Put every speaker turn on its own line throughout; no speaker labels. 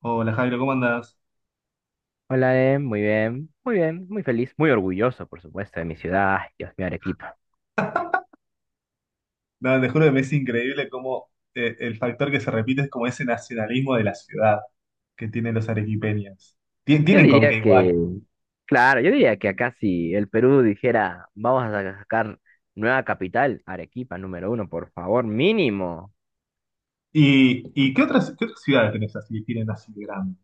Hola Jairo, ¿cómo andás?
Hola, muy bien, muy bien, muy feliz, muy orgulloso, por supuesto, de mi ciudad, ay, Dios mío, Arequipa.
No, te juro que me es increíble cómo el factor que se repite es como ese nacionalismo de la ciudad que tienen los arequipeños.
Yo
Tienen con
diría
qué igual.
que, claro, yo diría que acá si el Perú dijera, vamos a sacar nueva capital, Arequipa número uno, por favor, mínimo.
¿Y qué otras ciudades tenés así, tienen así grandes?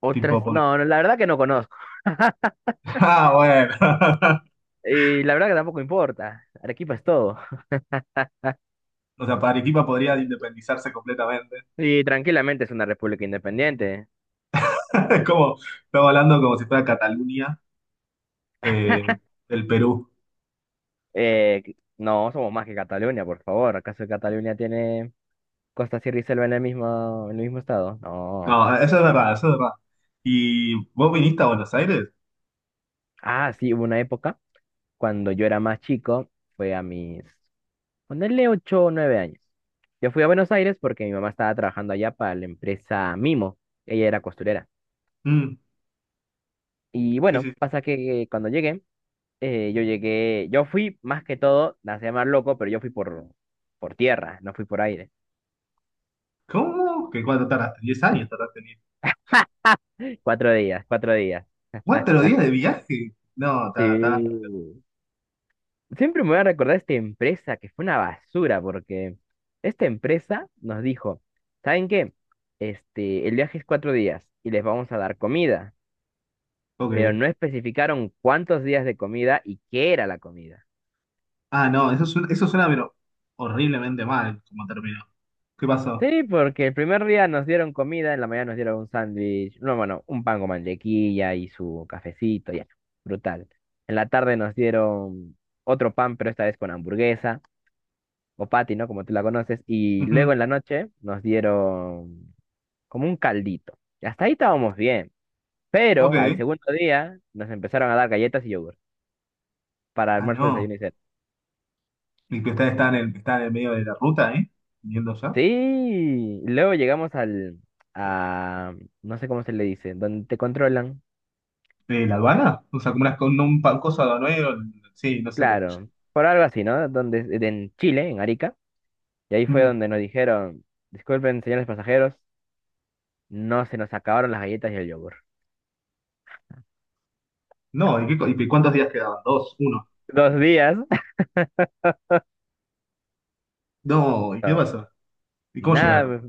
Otras,
Tipo,
no, no, la verdad que no conozco.
ah, bueno.
Y la verdad que tampoco importa, Arequipa es todo.
O sea, para Arequipa podría independizarse completamente.
Y tranquilamente es una república independiente.
Es como, estamos hablando como si fuera Cataluña, eh, el Perú.
No, somos más que Cataluña, por favor. ¿Acaso Cataluña tiene Costa, Sierra y Selva en el mismo estado? No.
No, eso es verdad, eso es verdad. ¿Y vos viniste a Buenos Aires?
Ah, sí, hubo una época cuando yo era más chico, fue a mis, ponerle 8 o nueve años. Yo fui a Buenos Aires porque mi mamá estaba trabajando allá para la empresa Mimo. Ella era costurera.
Mm,
Y
sí,
bueno,
sí.
pasa que cuando llegué, yo fui más que todo, la hacía más loco, pero yo fui por tierra, no fui por aire.
¿Cómo? ¿Que cuánto tardaste? Diez años tardaste en ir?
4 días, 4 días.
¿Cuatro días de viaje? No, está, está.
Sí. Siempre me voy a recordar esta empresa que fue una basura, porque esta empresa nos dijo, ¿saben qué? Este, el viaje es 4 días y les vamos a dar comida, pero
Ok.
no especificaron cuántos días de comida y qué era la comida.
Ah, no, eso suena, pero horriblemente mal como terminó. ¿Qué pasó?
Sí, porque el primer día nos dieron comida, en la mañana nos dieron un sándwich, no, bueno, un pan con mantequilla y su cafecito, ya, brutal. En la tarde nos dieron otro pan, pero esta vez con hamburguesa, o patty, ¿no? Como tú la conoces, y
Ujú.
luego en la noche nos dieron como un caldito. Y hasta ahí estábamos bien. Pero al
Ok.
segundo día nos empezaron a dar galletas y yogur para
Ah,
almuerzo,
no.
desayuno y cena.
¿Y que ustedes están está en el medio de la ruta? Viniendo ya.
Sí, luego llegamos a, no sé cómo se le dice, donde te controlan,
¿De la aduana? O sea, como una, con un cosa aduanero. Sí, no sé cómo se llama.
claro, por algo así, ¿no? Donde, en Chile, en Arica, y ahí fue
Mm.
donde nos dijeron, disculpen, señores pasajeros, no se nos acabaron las galletas y el yogur.
No, y cuántos días quedaban? ¿Dos? ¿Uno?
2 días,
No, ¿y qué pasó? ¿Y cómo llegaron?
nada,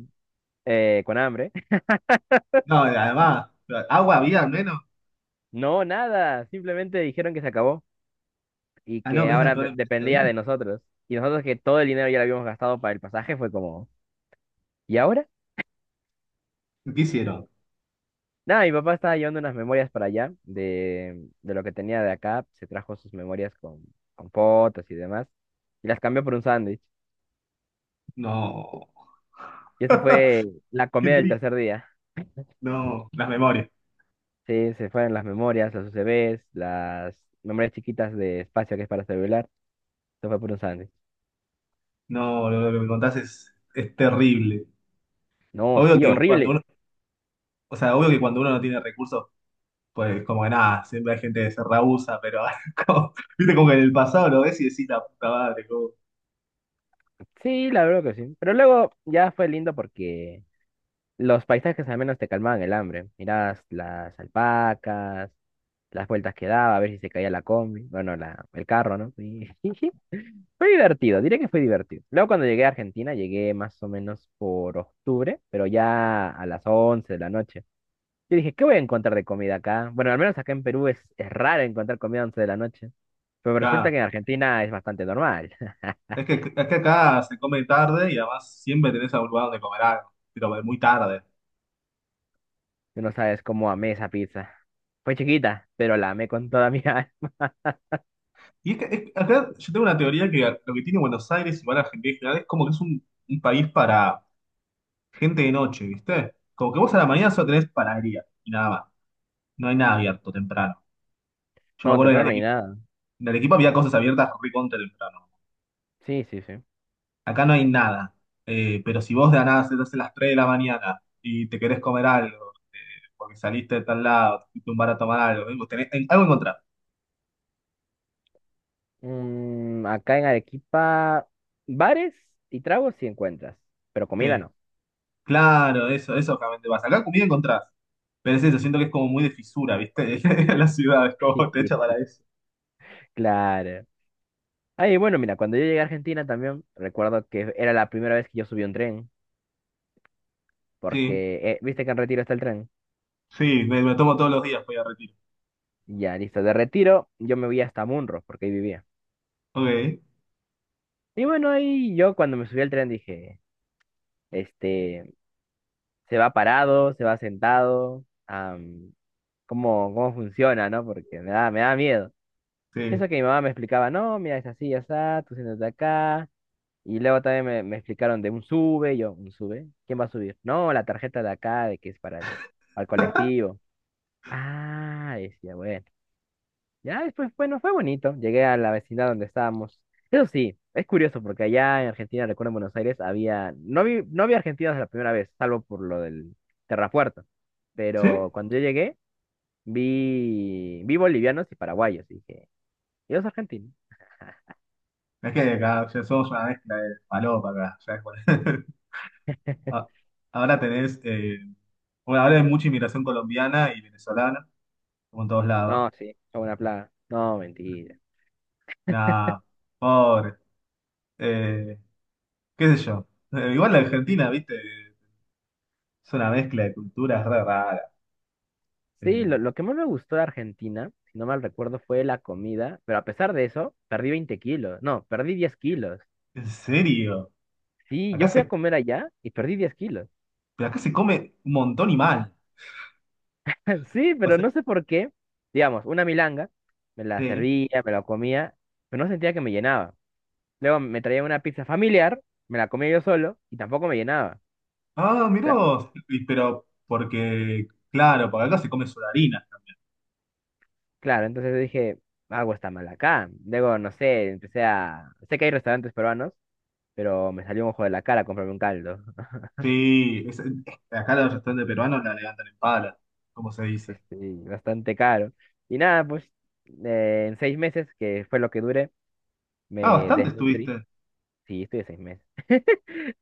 con hambre.
No, además, ¿agua había al menos?
No, nada, simplemente dijeron que se acabó, y
Ah, no,
que
ves la
ahora
peor empresa del
dependía
mundo.
de nosotros. Y nosotros que todo el dinero ya lo habíamos gastado para el pasaje, fue como, ¿y ahora?
¿Qué hicieron?
Nada, mi papá estaba llevando unas memorias para allá de lo que tenía de acá, se trajo sus memorias con fotos y demás, y las cambió por un sándwich.
No,
Y ese fue la
qué
comida del
triste.
tercer día.
No, las memorias.
Sí, se fueron las memorias, los UCBs, las memorias chiquitas de espacio que es para celular, se fue por un sándwich.
No, lo que me contás es terrible.
No,
Obvio
sí,
que cuando
horrible.
uno, o sea, obvio que cuando uno no tiene recursos, pues como que nada, siempre hay gente que se rehúsa, pero viste como que en el pasado lo ves y decís la puta madre, como,
Sí, la verdad que sí. Pero luego ya fue lindo porque los paisajes al menos te calmaban el hambre. Mirabas las alpacas, las vueltas que daba, a ver si se caía la combi, bueno, la, el carro, ¿no? Y, y sí, fue divertido, diré que fue divertido. Luego cuando llegué a Argentina, llegué más o menos por octubre, pero ya a las 11 de la noche. Yo dije, ¿qué voy a encontrar de comida acá? Bueno, al menos acá en Perú es raro encontrar comida a 11 de la noche, pero resulta
acá.
que en Argentina es bastante normal.
Es que acá se come tarde y además siempre tenés algún lugar donde comer algo, pero muy tarde.
Tú no sabes cómo amé esa pizza. Fue chiquita, pero la amé con toda mi alma.
Y es que acá yo tengo una teoría que lo que tiene Buenos Aires, igual Argentina en general, es como que es un país para gente de noche, ¿viste? Como que vos a la mañana solo tenés panadería y nada más. No hay nada abierto temprano. Yo me
No,
acuerdo que en no,
temprano ni
Arequipa,
nada.
en Arequipa había cosas abiertas recontra temprano.
Sí, sí, sí.
Acá no hay nada. Pero si vos de la nada se te hace las 3 de la mañana y te querés comer algo, porque saliste de tal lado, te fuiste a un bar a tomar algo, vos algo encontrás.
Mm, acá en Arequipa, bares y tragos sí encuentras, pero comida
Sí,
no.
claro, eso obviamente vas. Acá comida encontrás. Pero es eso, siento que es como muy de fisura, ¿viste? La ciudad es como te echa para eso.
Claro. Ay, bueno, mira, cuando yo llegué a Argentina también, recuerdo que era la primera vez que yo subí un tren,
Sí,
porque, viste que en Retiro está el tren.
sí, me tomo todos los días, voy a Retiro.
Ya, listo, de Retiro yo me voy hasta Munro, porque ahí vivía.
Ok,
Y bueno, ahí yo cuando me subí al tren dije, este, se va parado, se va sentado, ¿cómo funciona, no? Porque me da miedo.
sí.
Eso que mi mamá me explicaba, no, mira, es así, ya está, tú siéntate acá. Y luego también me explicaron de un sube, y yo, ¿un sube? ¿Quién va a subir? No, la tarjeta de acá, de que es al colectivo. Ah, decía, bueno. Ya después, bueno, fue bonito. Llegué a la vecindad donde estábamos. Eso sí, es curioso porque allá en Argentina, recuerdo en Buenos Aires, había, no vi argentinos la primera vez, salvo por lo del terrapuerto.
¿Sí?
Pero cuando yo llegué, vi bolivianos y paraguayos. Y dije, ellos argentinos.
Es que acá ya somos una mezcla de palopa acá. Ya es ah, Ahora tenés, eh, bueno, ahora hay mucha inmigración colombiana y venezolana, como en todos lados.
No, sí, es una plaga. No, mentira.
Nada, pobre. Eh, Qué sé yo. Igual la Argentina, viste, es una mezcla de culturas re rara.
Sí,
Eh,
lo que más me gustó de Argentina, si no mal recuerdo, fue la comida, pero a pesar de eso, perdí 20 kilos. No, perdí 10 kilos.
¿En serio?
Sí,
Acá
yo fui a
se,
comer allá y perdí 10 kilos.
pero acá se come un montón y mal.
Sí,
O
pero
sea,
no sé por qué. Digamos, una milanga, me la
sí.
servía, me la comía, pero no sentía que me llenaba. Luego me traía una pizza familiar, me la comía yo solo y tampoco me llenaba.
Ah, mirá
Era como-
vos. Pero claro, porque acá se come solarina.
Claro, entonces dije, algo está mal acá. Luego, no sé, Sé que hay restaurantes peruanos pero me salió un ojo de la cara comprarme un caldo.
Sí, acá los restaurantes peruanos la levantan en pala, como se
Sí,
dice.
sí, bastante caro. Y nada, pues en 6 meses, que fue lo que duré,
Ah,
me
bastante
desnutrí.
estuviste.
Sí, estuve 6 meses.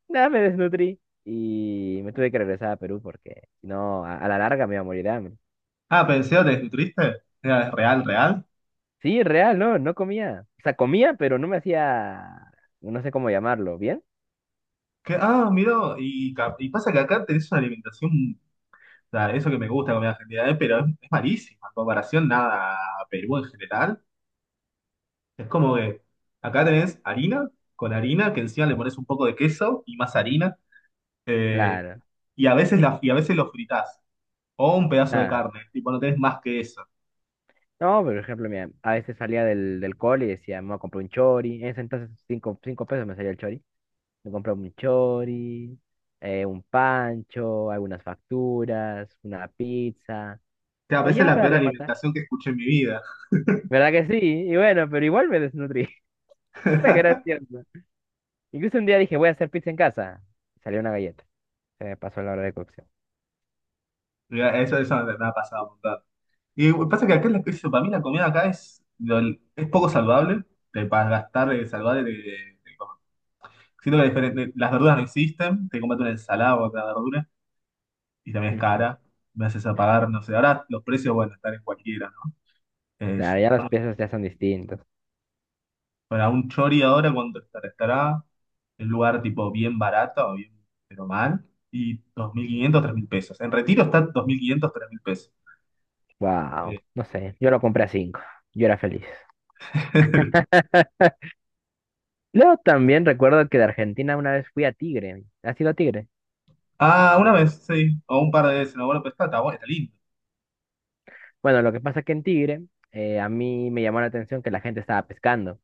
Nada, me desnutrí y me tuve que regresar a Perú porque si no, a la larga me iba a morir de hambre.
Ah, pensé, ¿te desnutriste? Era Es real, real.
Sí, real, no, no comía. O sea, comía, pero no me hacía, no sé cómo llamarlo, ¿bien?
Que, ah, mirá, y pasa que acá tenés una alimentación, o sea, eso que me gusta comer argentina, pero es malísima en comparación nada a Perú en general. Es como que acá tenés harina, con harina, que encima le pones un poco de queso y más harina, eh,
Claro.
y a veces y a veces lo fritás, o un pedazo de
Ah,
carne, tipo no tenés más que eso.
no, por ejemplo, mira, a veces salía del cole y decía, me voy a comprar un chori. En ese entonces, cinco pesos me salía el chori. Me compré un chori, un pancho, algunas facturas, una pizza.
Te
O
veces
ya
la
para
peor
rematar.
alimentación que escuché en mi vida.
¿Verdad que sí? Y bueno, pero igual me desnutrí. Fue gracioso. Incluso un día dije, voy a hacer pizza en casa. Salió una galleta. Se me pasó la hora de cocción.
Mirá, eso me ha pasado un montón. Y pasa que acá, eso, para mí la comida acá es poco saludable, te para gastar de saludable. Te comes. Siento que las verduras no existen, te comes una ensalada o otra verdura y también es
Ujú.
cara. Me haces apagar, no sé, ahora los precios, bueno, están en cualquiera, ¿no? Eh,
Claro, ya las piezas ya son distintas.
para un chori ahora, ¿cuánto estará? Estará en un lugar tipo bien barato, o bien, pero mal, y 2.500, 3.000 pesos. En Retiro está 2.500 3.000 pesos.
Wow, no sé. Yo lo compré a cinco. Yo era feliz. Luego también recuerdo que de Argentina una vez fui a Tigre. ¿Has ido a Tigre?
Ah, una vez, sí. O un par de veces, no, bueno, pero está bueno, está lindo.
Bueno, lo que pasa es que en Tigre, a mí me llamó la atención que la gente estaba pescando.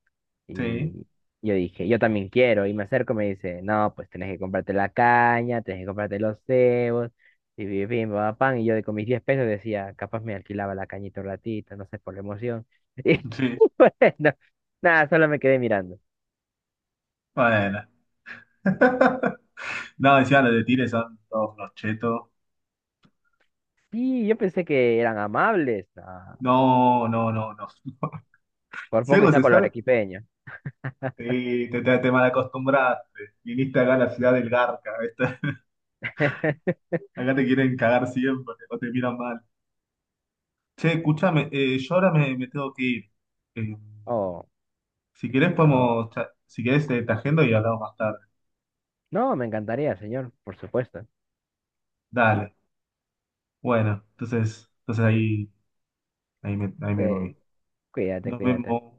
Sí,
Y yo dije, yo también quiero. Y me acerco y me dice, no, pues tenés que comprarte la caña, tenés que comprarte los cebos. Y vi- vi, pa, pa, pan. Y yo de- con mis 10 pesos decía, capaz me alquilaba la cañita un ratito, no sé, por la emoción.
sí.
Y bueno, nada, solo me quedé mirando.
Bueno. No, decía los de Tigre son todos unos chetos.
Sí, yo pensé que eran amables. Ah,
No, no, no, no.
por
Si
poco y
algo se
saco lo
sabe,
arequipeño.
sí, te malacostumbraste. Viniste acá a la ciudad del Garca, ¿viste? Acá te quieren cagar siempre, o te miran mal. Che, escúchame, yo ahora me tengo que ir. Eh,
Oh,
si querés
adoro.
podemos, si querés, te agendo y hablamos más tarde.
No, me encantaría, señor, por supuesto.
Dale. Bueno, entonces ahí me voy.
Cuídate,
Nos
cuídate.
vemos.